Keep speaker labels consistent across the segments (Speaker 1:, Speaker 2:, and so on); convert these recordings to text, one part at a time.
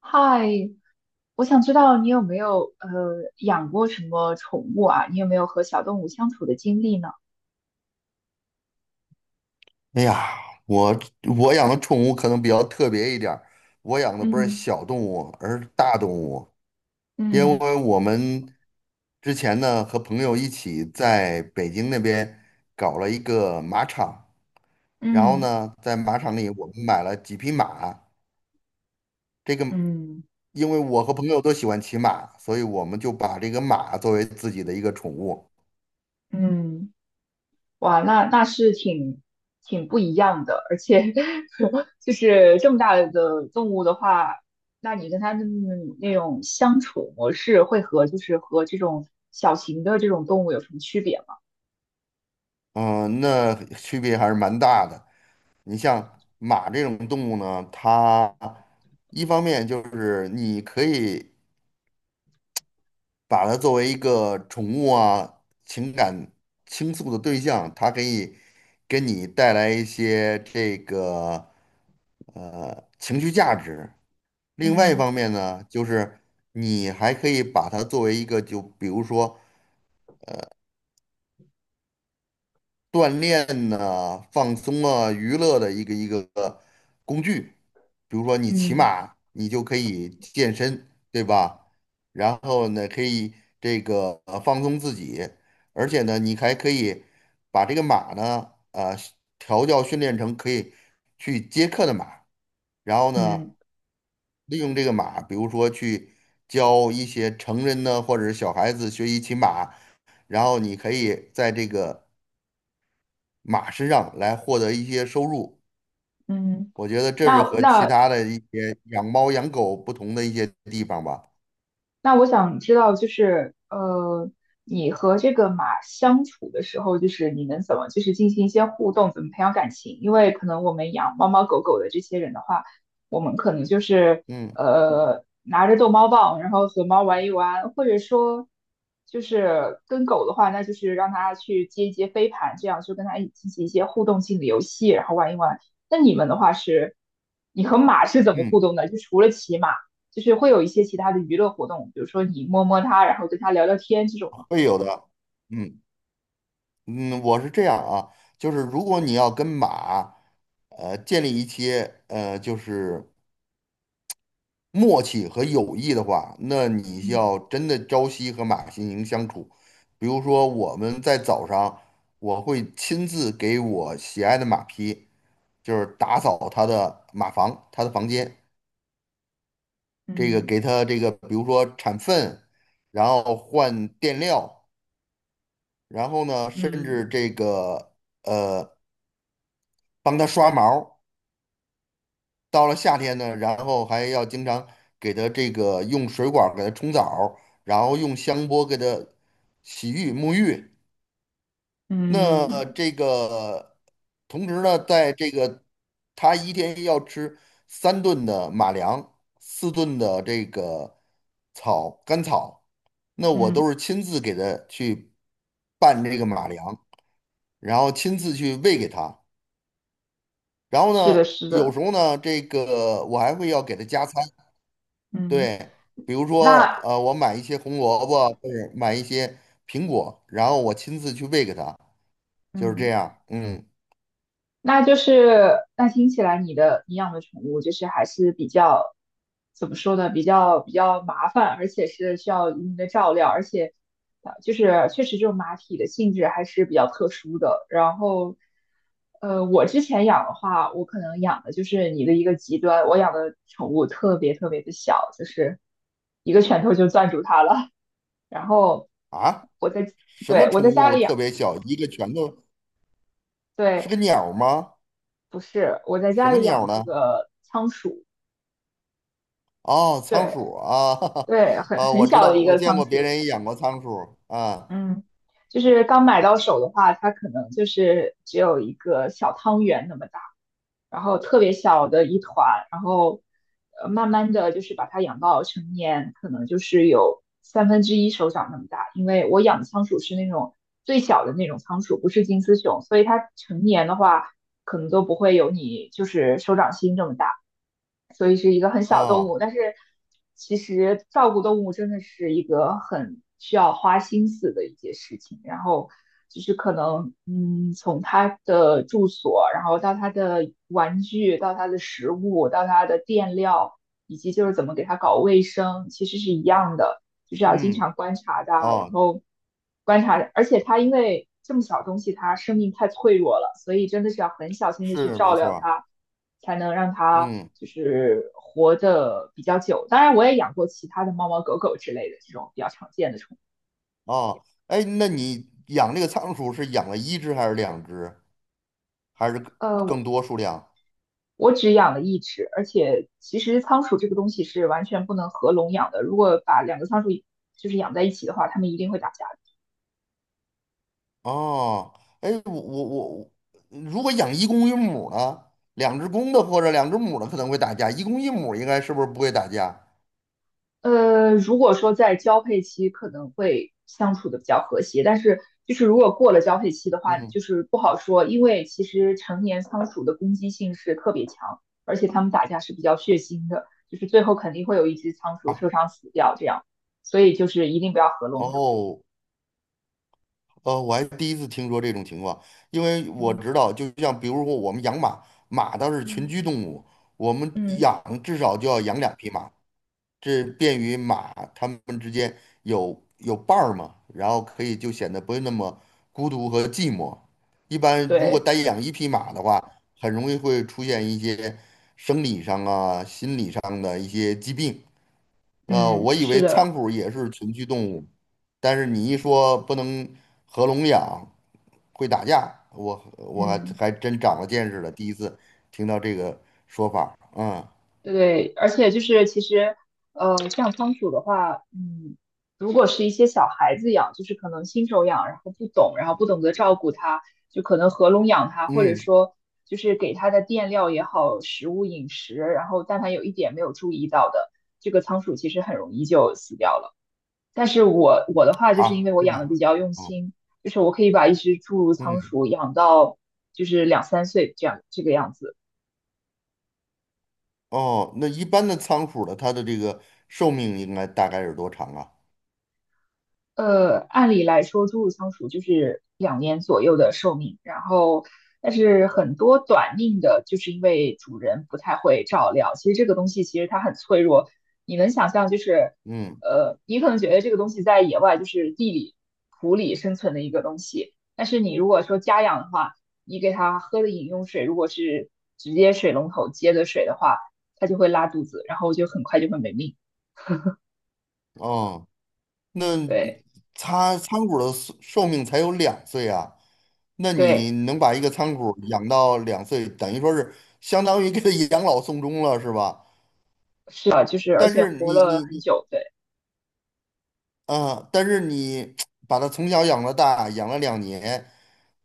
Speaker 1: 嗨，我想知道你有没有养过什么宠物啊？你有没有和小动物相处的经历呢？
Speaker 2: 哎呀，我我养的宠物可能比较特别一点儿，我养的不是
Speaker 1: 嗯。
Speaker 2: 小动物，而是大动物。因
Speaker 1: 嗯。
Speaker 2: 为我们之前呢和朋友一起在北京那边搞了一个马场，然后
Speaker 1: 嗯。
Speaker 2: 呢在马场里我们买了几匹马。这个
Speaker 1: 嗯。
Speaker 2: 因为我和朋友都喜欢骑马，所以我们就把这个马作为自己的一个宠物。
Speaker 1: 嗯。哇，那是挺不一样的，而且 就是这么大的动物的话，那你跟它们那种相处模式会和就是和这种小型的这种动物有什么区别吗？
Speaker 2: 嗯，那区别还是蛮大的。你像马这种动物呢，它一方面就是你可以把它作为一个宠物啊，情感倾诉的对象，它可以给你带来一些情绪价值。另外一
Speaker 1: 嗯。
Speaker 2: 方面呢，就是你还可以把它作为一个，就比如说，锻炼呢，放松啊、娱乐的一个工具。比如说你骑
Speaker 1: 嗯。
Speaker 2: 马，你就可以健身，对吧？然后呢，可以放松自己，而且呢，你还可以把这个马呢，调教训练成可以去接客的马，然后呢，
Speaker 1: 嗯。
Speaker 2: 利用这个马，比如说去教一些成人呢，或者是小孩子学习骑马，然后你可以在这个。马身上来获得一些收入。
Speaker 1: 嗯。
Speaker 2: 我觉得这是
Speaker 1: 那
Speaker 2: 和其
Speaker 1: 那
Speaker 2: 他的一些养猫养狗不同的一些地方吧。
Speaker 1: 那我想知道，就是，你和这个马相处的时候，就是你们怎么就是进行一些互动，怎么培养感情？因为可能我们养猫猫狗狗的这些人的话，我们可能就是
Speaker 2: 嗯
Speaker 1: 拿着逗猫棒，然后和猫玩一玩，或者说就是跟狗的话，那就是让它去接一接飞盘，这样就跟它一起进行一些互动性的游戏，然后玩一玩。那你们的话是，你和马是怎么互
Speaker 2: 嗯，
Speaker 1: 动的？就除了骑马。就是会有一些其他的娱乐活动，比如说你摸摸它，然后跟它聊聊天这种吗？
Speaker 2: 会有的。嗯嗯，我是这样啊，就是如果你要跟马，建立一些就是默契和友谊的话，那你
Speaker 1: 嗯。
Speaker 2: 要真的朝夕和马心营相处。比如说，我们在早上，我会亲自给我喜爱的马匹，就是打扫它的马房、它的房间，给
Speaker 1: 嗯。
Speaker 2: 它比如说铲粪，然后换垫料，然后呢，甚至
Speaker 1: 嗯。
Speaker 2: 呃，帮它刷毛。到了夏天呢，然后还要经常给它这个用水管儿给它冲澡儿，然后用香波给它洗浴沐浴。那
Speaker 1: 嗯。
Speaker 2: 这个同时呢，在它一天要吃三顿的马粮，四顿的这个草干草，那我
Speaker 1: 嗯，
Speaker 2: 都是亲自给它去拌这个马粮，然后亲自去喂给它。然后
Speaker 1: 是
Speaker 2: 呢，
Speaker 1: 的，是
Speaker 2: 有
Speaker 1: 的，
Speaker 2: 时候呢，这个我还会要给它加餐。
Speaker 1: 嗯，
Speaker 2: 对，比如说，
Speaker 1: 那
Speaker 2: 我买一些红萝卜，或者买一些苹果，然后我亲自去喂给它，就是这
Speaker 1: 嗯。
Speaker 2: 样。嗯，
Speaker 1: 那就是那听起来你的你养的宠物就是还是比较怎么说呢？比较麻烦，而且是需要一定的照料，而且啊，就是确实这种马匹的性质还是比较特殊的。然后，我之前养的话，我可能养的就是你的一个极端，我养的宠物特别特别的小，就是一个拳头就攥住它了。然后
Speaker 2: 啊，
Speaker 1: 我在
Speaker 2: 什么
Speaker 1: 对我在
Speaker 2: 宠
Speaker 1: 家
Speaker 2: 物
Speaker 1: 里养，
Speaker 2: 特别小？一个拳头是
Speaker 1: 对，
Speaker 2: 个鸟儿吗？
Speaker 1: 不是我在
Speaker 2: 什
Speaker 1: 家
Speaker 2: 么
Speaker 1: 里
Speaker 2: 鸟
Speaker 1: 养
Speaker 2: 儿
Speaker 1: 这
Speaker 2: 呢？
Speaker 1: 个仓鼠。
Speaker 2: 哦，仓
Speaker 1: 对，
Speaker 2: 鼠啊，
Speaker 1: 对，很
Speaker 2: 啊，我知
Speaker 1: 小的
Speaker 2: 道，
Speaker 1: 一
Speaker 2: 我
Speaker 1: 个
Speaker 2: 见
Speaker 1: 仓
Speaker 2: 过别
Speaker 1: 鼠，
Speaker 2: 人也养过仓鼠啊。
Speaker 1: 嗯，就是刚买到手的话，它可能就是只有一个小汤圆那么大，然后特别小的一团，然后慢慢的就是把它养到成年，可能就是有三分之一手掌那么大，因为我养的仓鼠是那种最小的那种仓鼠，不是金丝熊，所以它成年的话可能都不会有你就是手掌心这么大。所以是一个很小动
Speaker 2: 哦，
Speaker 1: 物。但是其实照顾动物真的是一个很需要花心思的一件事情。然后就是可能，嗯，从它的住所，然后到它的玩具，到它的食物，到它的垫料，以及就是怎么给它搞卫生，其实是一样的，就是要经
Speaker 2: 嗯，
Speaker 1: 常观察它，然
Speaker 2: 哦，
Speaker 1: 后观察，而且它因为。这么小东西，它生命太脆弱了，所以真的是要很小心的去
Speaker 2: 是
Speaker 1: 照
Speaker 2: 没错
Speaker 1: 料
Speaker 2: 儿。
Speaker 1: 它。才能让它
Speaker 2: 嗯，
Speaker 1: 就是活得比较久。当然，我也养过其他的猫猫狗狗之类的这种比较常见的宠物。
Speaker 2: 哦，哎，那你养这个仓鼠是养了一只还是两只，还是更
Speaker 1: 呃，
Speaker 2: 更多数量？
Speaker 1: 我只养了一只，而且其实仓鼠这个东西是完全不能合笼养的。如果把两个仓鼠就是养在一起的话，它们一定会打架。
Speaker 2: 哦，哎，我我我，如果养一公一母呢，两只公的或者两只母的可能会打架，一公一母应该是不是不会打架？
Speaker 1: 如果说在交配期可能会相处的比较和谐，但是就是如果过了交配期的话，
Speaker 2: 嗯，
Speaker 1: 就是不好说，因为其实成年仓鼠的攻击性是特别强，而且它们打架是比较血腥的，就是最后肯定会有一只仓鼠
Speaker 2: 啊，
Speaker 1: 受伤死掉这样，所以就是一定不要合笼养。
Speaker 2: 哦，我还第一次听说这种情况，因为我
Speaker 1: 嗯。
Speaker 2: 知道，就像比如说我们养马，马它是群
Speaker 1: 嗯，
Speaker 2: 居动物，我们
Speaker 1: 嗯，
Speaker 2: 养至少就要养两匹马，这便于马它们之间有伴儿嘛，然后可以就显得不会那么孤独和寂寞。一般如果
Speaker 1: 对，
Speaker 2: 单养一匹马的话，很容易会出现一些生理上啊、心理上的一些疾病。
Speaker 1: 嗯，
Speaker 2: 我以
Speaker 1: 是
Speaker 2: 为
Speaker 1: 的，
Speaker 2: 仓鼠也是群居动物，但是你一说不能合笼养，会打架，我我还
Speaker 1: 嗯。
Speaker 2: 还真长了见识了，第一次听到这个说法儿。嗯
Speaker 1: 对，而且就是其实，像仓鼠的话，嗯，如果是一些小孩子养，就是可能新手养，然后不懂，然后不懂得照顾它，就可能合笼养它，或者
Speaker 2: 嗯，
Speaker 1: 说就是给它的垫料也好，食物饮食，然后但凡有一点没有注意到的，这个仓鼠其实很容易就死掉了。但是我的话，就是因为
Speaker 2: 好，
Speaker 1: 我
Speaker 2: 是
Speaker 1: 养的比
Speaker 2: 吧？
Speaker 1: 较用
Speaker 2: 嗯
Speaker 1: 心，就是我可以把一只侏儒仓
Speaker 2: 嗯。
Speaker 1: 鼠养到就是两三岁这样这个样子。
Speaker 2: 哦，那一般的仓鼠的，它的这个寿命应该大概是多长啊？
Speaker 1: 按理来说，猪乳仓鼠就是两年左右的寿命，然后但是很多短命的，就是因为主人不太会照料。其实这个东西其实它很脆弱，你能想象就是，
Speaker 2: 嗯，
Speaker 1: 你可能觉得这个东西在野外就是地里、土里生存的一个东西，但是你如果说家养的话，你给它喝的饮用水如果是直接水龙头接的水的话，它就会拉肚子，然后就很快就会没命。
Speaker 2: 哦，那
Speaker 1: 对。
Speaker 2: 它仓鼠的寿命才有两岁啊，那你
Speaker 1: 对
Speaker 2: 能把一个仓鼠养到两岁，等于说是相当于给它养老送终了，是吧？
Speaker 1: 是啊，就是而
Speaker 2: 但
Speaker 1: 且
Speaker 2: 是
Speaker 1: 活
Speaker 2: 你
Speaker 1: 了
Speaker 2: 你
Speaker 1: 很
Speaker 2: 你
Speaker 1: 久，对，
Speaker 2: 但是你把它从小养到大，养了2年，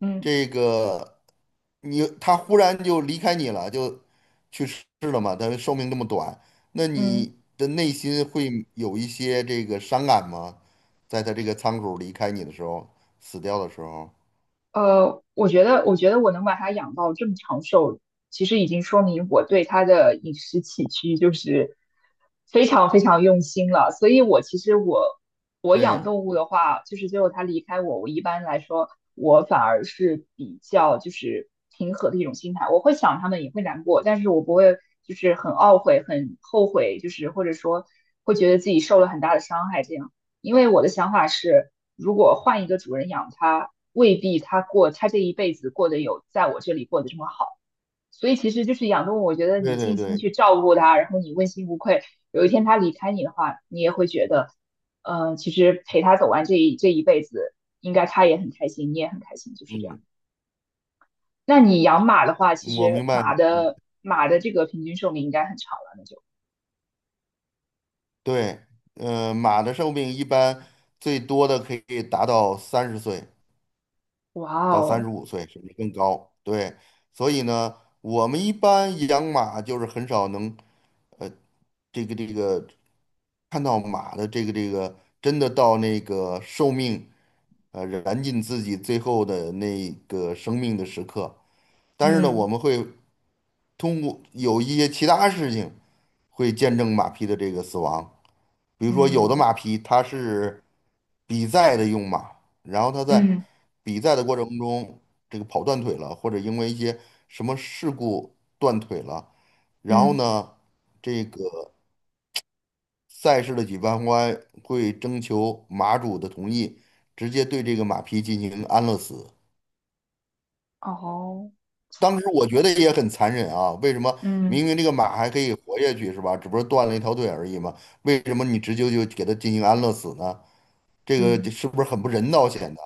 Speaker 1: 嗯。
Speaker 2: 这个你它忽然就离开你了，就去世了嘛，它寿命这么短，那
Speaker 1: 嗯，
Speaker 2: 你的内心会有一些这个伤感吗？在它这个仓鼠离开你的时候，死掉的时候，
Speaker 1: 我觉得我能把它养到这么长寿，其实已经说明我对它的饮食起居就是非常非常用心了。所以我其实我养
Speaker 2: 对，
Speaker 1: 动物的话，就是最后它离开我，我一般来说我反而是比较就是平和的一种心态，我会想它们，也会难过，但是我不会就是很懊悔、很后悔，就是或者说会觉得自己受了很大的伤害这样。因为我的想法是，如果换一个主人养它，未必它过它这一辈子过得有在我这里过得这么好。所以其实就是养动物，我觉得你
Speaker 2: 对对
Speaker 1: 尽心
Speaker 2: 对，
Speaker 1: 去照顾
Speaker 2: 嗯
Speaker 1: 它，然后你问心无愧，有一天它离开你的话，你也会觉得，其实陪它走完这一辈子，应该它也很开心，你也很开心，就是这样。
Speaker 2: 嗯，
Speaker 1: 那你养马的话，其
Speaker 2: 我
Speaker 1: 实
Speaker 2: 明白，
Speaker 1: 马的这个平均寿命应该很长了，那就。
Speaker 2: 对，马的寿命一般最多的可以达到30岁。
Speaker 1: 哇
Speaker 2: 到三十
Speaker 1: 哦，
Speaker 2: 五岁，甚至更高。对，所以呢，我们一般养马就是很少能，呃，这个这个看到马的真的到那个寿命，燃尽自己最后的那个生命的时刻。但是呢，
Speaker 1: 嗯。
Speaker 2: 我们会通过有一些其他事情，会见证马匹的这个死亡。比如说有的
Speaker 1: 嗯。
Speaker 2: 马匹它是比赛的用马，然后它在
Speaker 1: 嗯。
Speaker 2: 比赛的过程中跑断腿了，或者因为一些什么事故断腿了，然后
Speaker 1: 嗯，
Speaker 2: 呢，这个赛事的举办方会征求马主的同意，直接对这个马匹进行安乐死。
Speaker 1: 哦，
Speaker 2: 当时我觉得也很残忍啊，为什么
Speaker 1: 嗯。
Speaker 2: 明明这个马还可以活下去是吧？只不过断了一条腿而已嘛，为什么你直接就给他进行安乐死呢？这个
Speaker 1: 嗯。
Speaker 2: 是不是很不人道显得？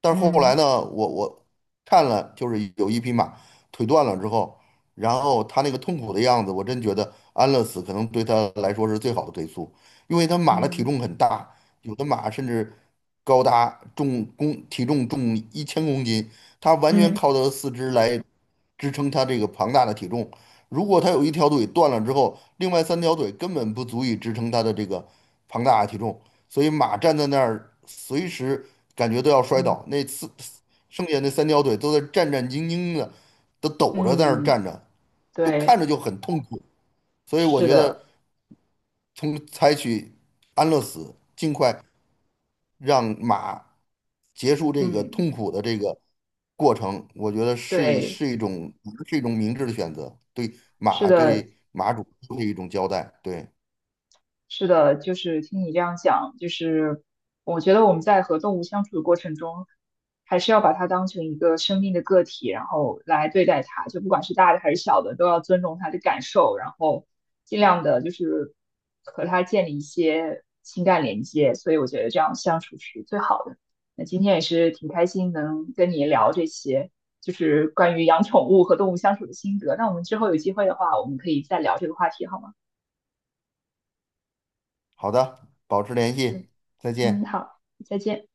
Speaker 2: 但是后来
Speaker 1: 嗯。
Speaker 2: 呢，我看了，就是有一匹马腿断了之后，然后它那个痛苦的样子，我真觉得安乐死可能对它来说是最好的归宿，因为它马的体
Speaker 1: 嗯。
Speaker 2: 重很大，有的马甚至高达重公体重重1000公斤，它完全
Speaker 1: 嗯。
Speaker 2: 靠它的四肢来支撑它这个庞大的体重。如果它有一条腿断了之后，另外三条腿根本不足以支撑它的这个庞大的体重。所以马站在那儿，随时感觉都要摔
Speaker 1: 嗯。
Speaker 2: 倒。剩下那三条腿都在战战兢兢的，都抖着在那儿
Speaker 1: 嗯，嗯
Speaker 2: 站着，就看
Speaker 1: 对，
Speaker 2: 着就很痛苦。所以我
Speaker 1: 是
Speaker 2: 觉得，
Speaker 1: 的，
Speaker 2: 从采取安乐死，尽快让马结束这个
Speaker 1: 嗯，
Speaker 2: 痛苦的这个过程，我觉得是一
Speaker 1: 对，
Speaker 2: 是一种是一种明智的选择，对
Speaker 1: 是
Speaker 2: 马
Speaker 1: 的，
Speaker 2: 对马主都是一种交代。对，
Speaker 1: 是的，就是听你这样讲，就是我觉得我们在和动物相处的过程中，还是要把它当成一个生命的个体，然后来对待它，就不管是大的还是小的，都要尊重它的感受，然后尽量的就是和它建立一些情感连接。所以我觉得这样相处是最好的。那今天也是挺开心能跟你聊这些，就是关于养宠物和动物相处的心得。那我们之后有机会的话，我们可以再聊这个话题，好吗？
Speaker 2: 好的，保持联
Speaker 1: 嗯。
Speaker 2: 系，再
Speaker 1: 嗯，
Speaker 2: 见。
Speaker 1: 好。再见。